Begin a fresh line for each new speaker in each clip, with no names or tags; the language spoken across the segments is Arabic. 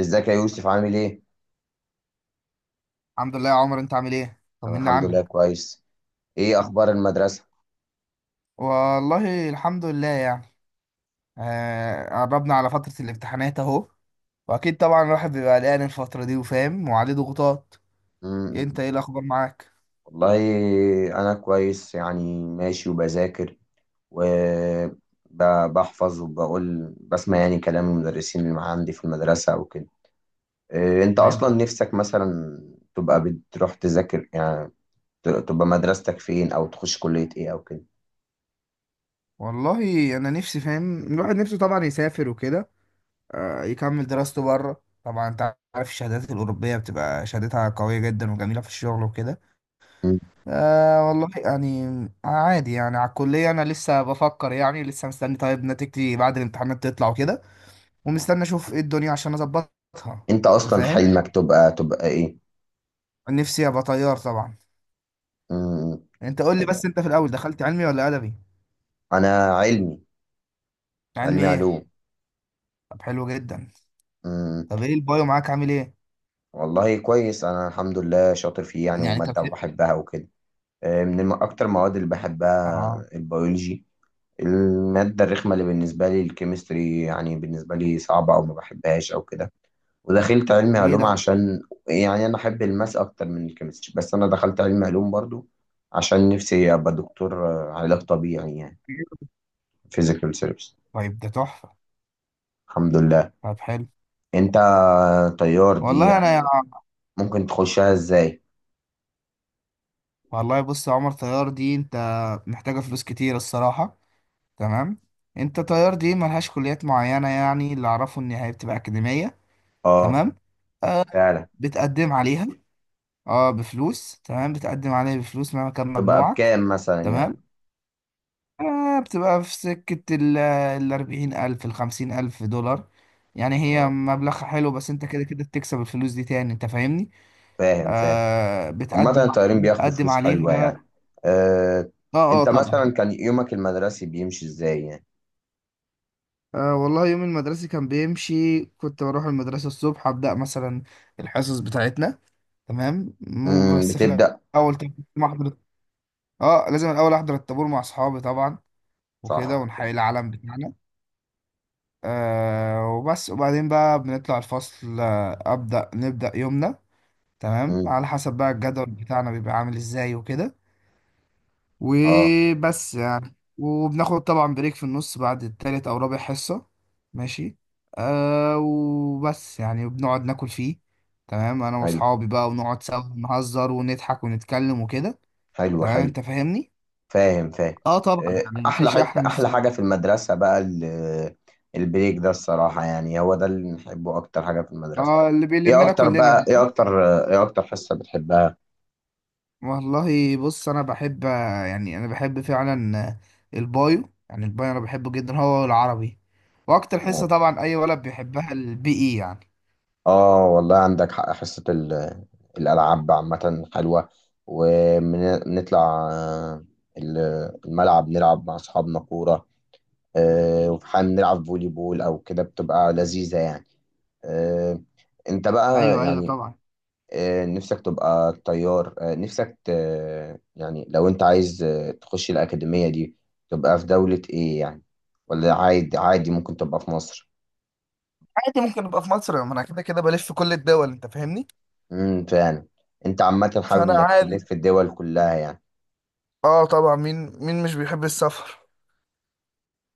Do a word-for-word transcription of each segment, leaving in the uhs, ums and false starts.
ازيك يا يوسف، عامل ايه؟
الحمد لله يا عمر، انت عامل ايه؟
انا
طمنا
الحمد
عنك.
لله كويس. ايه اخبار المدرسة؟
والله الحمد لله يعني. آه قربنا على فترة الامتحانات اهو. واكيد طبعا الواحد بيبقى قلقان الفترة دي وفاهم وعليه ضغوطات.
مم.
انت ايه الاخبار معاك؟
والله انا كويس يعني ماشي وبذاكر وبحفظ وبقول بسمع يعني كلام المدرسين اللي معاه عندي في المدرسة وكده. إيه انت اصلا
تمام.
نفسك مثلا تبقى بتروح تذاكر يعني؟ ت- تبقى مدرستك فين او تخش كلية ايه او كده؟
والله انا نفسي، فاهم، الواحد نفسه طبعا يسافر وكده. آه يكمل دراسته بره. طبعا انت عارف الشهادات الاوروبية بتبقى شهادتها قوية جدا وجميلة في الشغل وكده.
مم.
آه والله يعني عادي يعني على الكلية. انا لسه بفكر يعني، لسه مستني طيب نتيجتي بعد الامتحانات تطلع وكده، ومستني اشوف ايه الدنيا عشان اظبطها.
انت
انت
اصلا
فاهم،
حلمك تبقى تبقى ايه؟
نفسي ابقى طيار طبعا.
مم.
انت قول لي بس، انت في الاول دخلت علمي ولا ادبي؟
انا علمي.
علمي
علمي
ايه؟
علوم.
طب حلو جدا. طب ايه البايو معاك عامل ايه؟
والله كويس، انا الحمد لله شاطر فيه يعني،
يعني انت
وماده
بت...
وبحبها وكده. آه، من الم- اكتر المواد اللي بحبها
اه.
البيولوجي. الماده الرخمه اللي بالنسبه لي الكيمستري، يعني بالنسبه لي صعبه او ما بحبهاش او كده. ودخلت علمي
ليه
علوم
ده؟
عشان يعني انا احب الماس اكتر من الكيمستري، بس انا دخلت علمي علوم برضو عشان نفسي ابقى دكتور. آه، علاج طبيعي يعني، فيزيكال سيرفيس.
طيب ده تحفه.
الحمد لله.
طب حلو.
انت، طيار دي
والله انا يا...
يعني، ممكن تخشها ازاي؟
والله بص يا عمر، طيار دي انت محتاجه فلوس كتير الصراحه. تمام. انت طيار دي ملهاش كليات معينه، يعني اللي اعرفه ان هي بتبقى اكاديميه.
اه
تمام. آه،
فعلا.
بتقدم عليها اه بفلوس. تمام. بتقدم عليه بفلوس مهما كان
تبقى
مجموعك.
بكام مثلا يعني؟
تمام. آه، بتبقى في سكة الأربعين ألف، الخمسين ألف دولار. يعني هي
اه،
مبلغ حلو، بس انت كده كده بتكسب الفلوس دي تاني. انت فاهمني؟
فاهم فاهم.
آه،
عامة
بتقدم
الطيارين بياخدوا
بتقدم
فلوس حلوة يعني.
عليها.
آه،
اه اه
انت
طبعا.
مثلا كان يومك المدرسي بيمشي ازاي يعني؟
آه والله يوم المدرسة كان بيمشي، كنت بروح المدرسة الصبح أبدأ مثلا الحصص بتاعتنا. تمام. مو-
امم
بس في
بتبدأ.
الأول طبعاً لازم أحضر. اه لازم الأول أحضر الطابور مع أصحابي طبعا وكده،
صح كده.
ونحيي العلم بتاعنا. آه وبس. وبعدين بقى بنطلع الفصل، آه، أبدأ نبدأ يومنا. تمام،
امم.
على حسب بقى الجدول بتاعنا بيبقى عامل ازاي وكده.
اه،
وبس يعني، وبناخد طبعا بريك في النص بعد التالت أو رابع حصة. ماشي. آه وبس يعني، وبنقعد ناكل فيه. تمام. أنا
حلو
وأصحابي بقى ونقعد سوا نهزر ونضحك ونتكلم وكده.
حلو
تمام.
حلو.
أنت فاهمني؟
فاهم فاهم.
اه طبعا
آه،
يعني
احلى
مفيش
حتة،
أحلى من الس-
احلى حاجة في المدرسة بقى ال- البريك ده، الصراحة يعني هو ده اللي بنحبه اكتر حاجة في المدرسة.
اه اللي
ايه
بيلمنا
اكتر
كلنا.
بقى ايه اكتر ايه اكتر حصة بتحبها؟
والله بص انا بحب، يعني انا بحب فعلا البايو. يعني البايو انا بحبه جدا، هو العربي. واكتر حصه
آه.
طبعا اي ولد بيحبها البي اي يعني.
اه والله عندك حق، حصة ال- الألعاب عامة حلوة، ونطلع الملعب نلعب مع أصحابنا كورة. آه، وفي حال نلعب فولي بول أو كده بتبقى لذيذة يعني. آه، أنت بقى
ايوه ايوه
يعني،
طبعا.
آه، نفسك تبقى طيار، آه، نفسك ت- يعني لو أنت عايز آه، تخش الأكاديمية دي، تبقى في دولة إيه يعني، ولا عادي عادي ممكن تبقى في مصر؟
عادي ممكن ابقى في مصر، ما انا كده كده بلف في كل الدول. انت فاهمني؟
امم فعلا. أنت عامة حابب
فانا
إنك تلف
عادي.
في الدول كلها يعني.
اه طبعا، مين مين مش بيحب السفر؟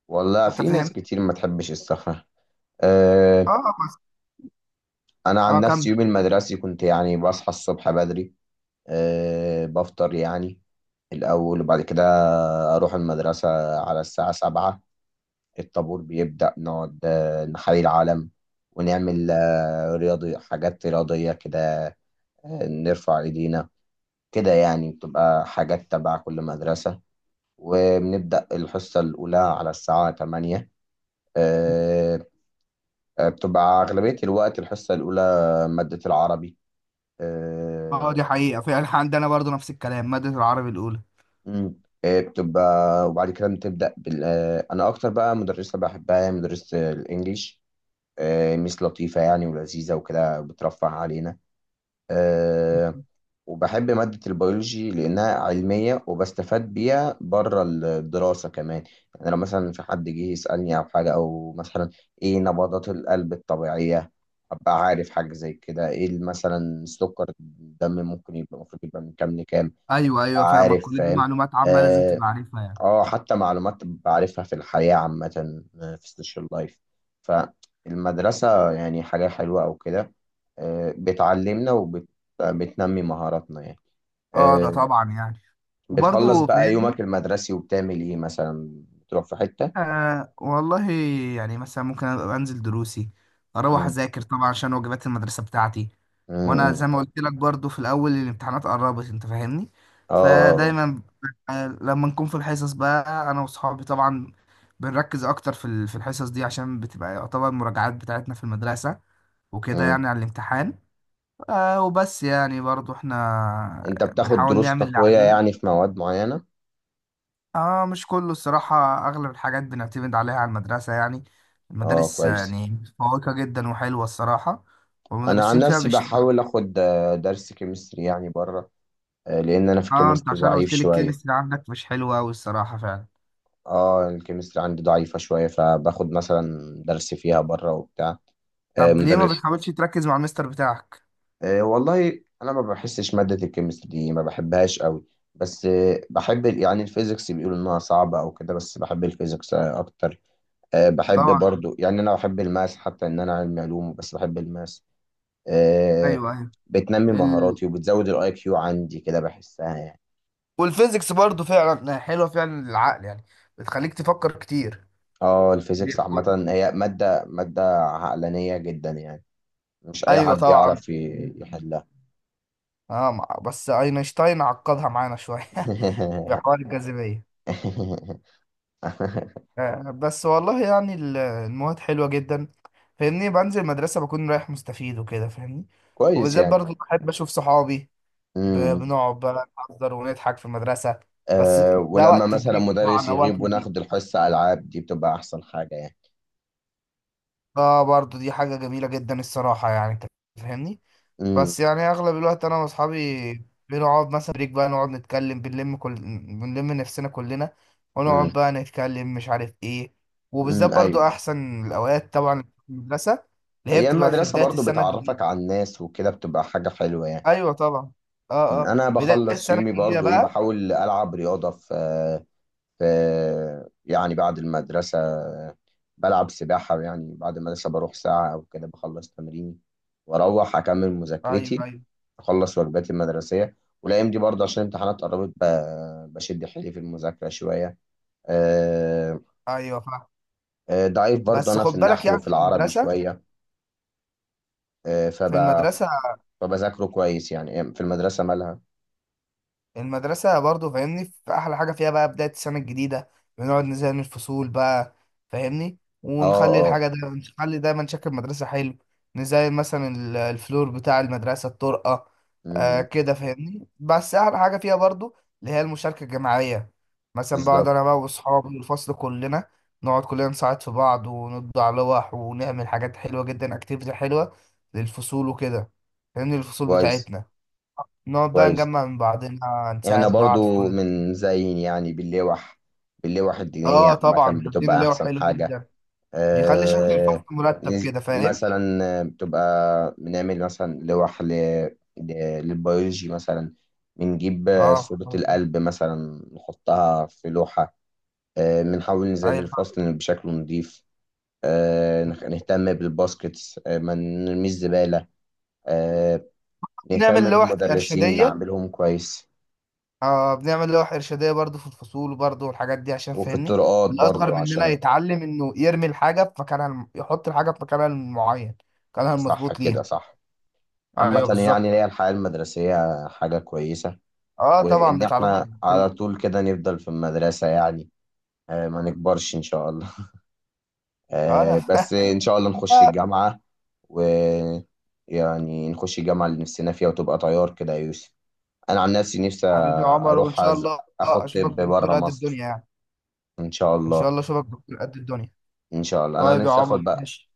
والله
انت
في ناس
فاهم.
كتير ما تحبش السفر. أه.
اه بس.
انا عن
اه كم.
نفسي يوم المدرسي كنت يعني بصحى الصبح بدري. أه بفطر يعني الاول، وبعد كده اروح المدرسة على الساعة سبعة. الطابور بيبدأ، نقعد آه، نحيي العلم، ونعمل آه، رياضي حاجات رياضية كده، آه، نرفع ايدينا. كده يعني بتبقى حاجات تبع كل مدرسة. وبنبدأ الحصة الأولى على الساعة ثمانية. آه، بتبقى أغلبية الوقت الحصة الأولى مادة العربي.
اه
آه،
دي حقيقه فعلا، إحنا عندنا برضو نفس الكلام، ماده العربي الاولى.
مم. آه، بتبقى وبعد كده بتبدأ بال... آه، أنا أكتر بقى مدرسة بحبها هي مدرسة الإنجليش. آه، ميس لطيفة يعني ولذيذة وكده، بترفه علينا. آه، وبحب مادة البيولوجي لأنها علمية، وبستفاد بيها بره الدراسة كمان. يعني لو مثلا في حد جه يسألني أو حاجة، أو مثلا إيه نبضات القلب الطبيعية، أبقى عارف حاجة زي كده. إيه مثلا سكر الدم ممكن يبقى، المفروض يبقى من كام لكام،
ايوه
أبقى
ايوه فاهمك،
عارف
كل دي
فاهم.
معلومات عامه لازم
آه,
تبقى عارفها يعني.
آه حتى معلومات بعرفها في الحياة عامة، آه، في السوشيال لايف. فالمدرسة يعني حاجة حلوة أو كده، آه بتعلمنا وبتنمي مهاراتنا يعني.
اه ده
آه،
طبعا يعني.
بتخلص
وبرضه
بقى يومك
فاهمني.
المدرسي، وبتعمل ايه مثلا؟ بتروح في حتة؟
آه والله يعني مثلا ممكن أبقى انزل دروسي، اروح
مم.
اذاكر طبعا عشان واجبات المدرسه بتاعتي.
مم.
وانا زي ما
مم.
قلت لك برضو، في الاول الامتحانات قربت. انت فاهمني؟
اه. آه.
فدايما آه، لما نكون في الحصص بقى انا واصحابي طبعا بنركز اكتر في ال- في الحصص دي عشان بتبقى يعتبر المراجعات بتاعتنا في المدرسه
آه.
وكده،
مم.
يعني على الامتحان. آه وبس يعني، برضو احنا
انت بتاخد
بنحاول
دروس
نعمل اللي
تقوية
علينا.
يعني في مواد معينة؟
اه مش كله الصراحة، اغلب الحاجات بنعتمد عليها على المدرسة. يعني
اه
المدارس
كويس.
يعني متفوقة جدا وحلوة الصراحة،
انا عن
والمدرسين فيها
نفسي
بيشتغلوا.
بحاول اخد آه، درس كيمستري يعني بره، آه، لان انا في
اه، انت
الكيمستري
عشان
ضعيف
قلت لي
شوية.
الكيمستري عندك مش حلوة اوي الصراحة فعلا.
اه الكيمستري عندي ضعيفة شوية، فباخد مثلا درس فيها بره وبتاع. آه،
طب ليه ما
مدر-
بتحاولش تركز مع المستر بتاعك؟
أه والله انا ما بحسش ماده الكيمستري دي، ما بحبهاش قوي، بس أه بحب ال- يعني الفيزيكس. بيقولوا انها صعبه او كده، بس بحب الفيزيكس آه، اكتر. أه بحب
طبعا.
برضو يعني، انا بحب الماس حتى ان انا علمي علوم، بس بحب الماس. أه.
ايوه ايوه.
بتنمي
ال...
مهاراتي وبتزود الاي كيو عندي كده، بحسها يعني.
والفيزيكس برضو فعلا حلوة فعلا للعقل، يعني بتخليك تفكر كتير.
اه الفيزيكس عامه هي ماده ماده عقلانيه جدا يعني. مش اي
ايوه
حد
طبعا.
يعرف ي- يحلها.
اه مع- بس اينشتاين عقدها معانا شوية بحوار الجاذبية. آه بس والله يعني ال- المواد حلوة جدا. فاهمني، بنزل المدرسة بكون رايح مستفيد وكده، فاهمني.
كويس
وبالذات برضو بحب أشوف صحابي. ب-
يعني.
بنقعد بقى نهزر ونضحك في المدرسة بس.
أه
ده
ولما
وقت
مثلا
البيت
مدرس
طبعا، أو وقت
يغيب
البيت.
وناخد الحصة ألعاب، دي بتبقى أحسن حاجة يعني.
اه برضو دي حاجة جميلة جدا الصراحة يعني. انت فاهمني.
امم.
بس يعني اغلب الوقت انا واصحابي بنقعد مثلا بريك، بقى نقعد نتكلم، بنلم كل بنلم نفسنا كلنا، ونقعد
امم.
بقى نتكلم مش عارف ايه. وبالذات
امم.
برضو
ايوه.
احسن الاوقات طبعا، المدرسة اللي هي
هي
بتبقى في
المدرسه
بداية
برضو
السنة الجديدة.
بتعرفك على الناس وكده، بتبقى حاجه حلوه يعني.
ايوه طبعا. اه
أمم،
اه
انا
بداية
بخلص
السنة
يومي
الجديدة
برضو ايه؟
بقى.
بحاول العب رياضه في في يعني بعد المدرسه. بلعب سباحه، يعني بعد المدرسه بروح ساعه او كده بخلص تمريني، واروح اكمل
ايوه
مذاكرتي،
ايوه
اخلص واجباتي المدرسيه. والايام دي برضو عشان الامتحانات قربت، ب- بشد حيلي في المذاكره شويه. آه،
ايوه فاهم.
آه، ضعيف برضه
بس
أنا
خد
في
بالك
النحو
يعني
في
في
العربي
المدرسة،
شوية. آه، فب...
في المدرسة
فبذاكره كويس يعني، آه، في المدرسة مالها.
المدرسة برضو فاهمني، في أحلى حاجة فيها بقى بداية السنة الجديدة، بنقعد نزين الفصول بقى. فاهمني.
اه
ونخلي
اه.
الحاجة ده، نخلي دايما شكل المدرسة حلو. نزين مثلا ال- الفلور بتاع المدرسة، الطرقة. آه
أمم،
كده فاهمني، بس أحلى حاجة فيها برضو اللي هي المشاركة الجماعية. مثلا بقعد
بالظبط.
أنا بقى وأصحابي والفصل كلنا، نقعد كلنا نساعد في بعض، ونطبع لوح، ونعمل حاجات حلوة جدا، أكتيفيتي حلوة للفصول وكده. فاهمني، الفصول
كويس
بتاعتنا نقعد بقى
كويس.
نجمع من بعضنا،
احنا
نساعد بعض في
برضو
كل.
من زين يعني باللوح. باللوح الدينية
اه
عامة
طبعا، تدين
بتبقى
اللي هو
أحسن
حلو
حاجة.
جدا، بيخلي شكل
آه.
الفصل مرتب
نز-
كده. فاهم.
مثلا آه، بتبقى بنعمل مثلا لوح ل... ل... للبيولوجي مثلا. بنجيب آه،
اه
صورة
مظبوط.
القلب مثلا، نحطها في لوحة. آه، بنحاول نزين
ايوه
الفصل بشكل نظيف، آه، نخ- نهتم بالباسكتس، آه، ما نرميش زبالة، آه، نهتم
بنعمل لوح
بالمدرسين
ارشاديه.
نعملهم كويس،
اه بنعمل لوح ارشاديه برضو في الفصول برضو والحاجات دي عشان
وفي
فاهمني
الطرقات
الاصغر
برضو
مننا
عشان
يتعلم انه يرمي الحاجه في مكانها الم... يحط الحاجه في مكانها المعين، مكانها
صح
المظبوط
كده
ليها.
صح. عامة
ايوه
يعني هي
بالظبط.
الحياة المدرسية حاجة كويسة.
اه طبعا
وإن
بتعرفك.
إحنا
بال...
على طول كده نفضل في المدرسة يعني، آه، ما نكبرش إن شاء الله.
اه انا
آه،
فاهم.
بس إن شاء الله نخش الجامعة، ويعني نخش الجامعة اللي نفسنا فيها، وتبقى طيار كده يا يوسف. انا عن نفسي نفسي
حبيبي عمر، وان
اروح
شاء
أز...
الله
اخد
اشوفك
طب بره
دكتور قد الدنيا
مصر،
يعني.
ان شاء
ان شاء
الله.
الله اشوفك دكتور قد الدنيا.
ان شاء الله انا
طيب يا
نفسي اخد
عمر
بقى.
ماشي.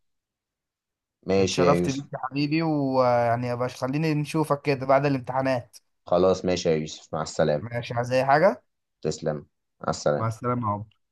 ماشي يا
اتشرفت بيك
يوسف.
يا حبيبي، ويعني يا باش خليني نشوفك كده بعد الامتحانات.
خلاص ماشي يا يوسف، مع السلامة.
ماشي، عايز اي حاجه؟
تسلم. مع
مع
السلامة.
السلامه يا عمر.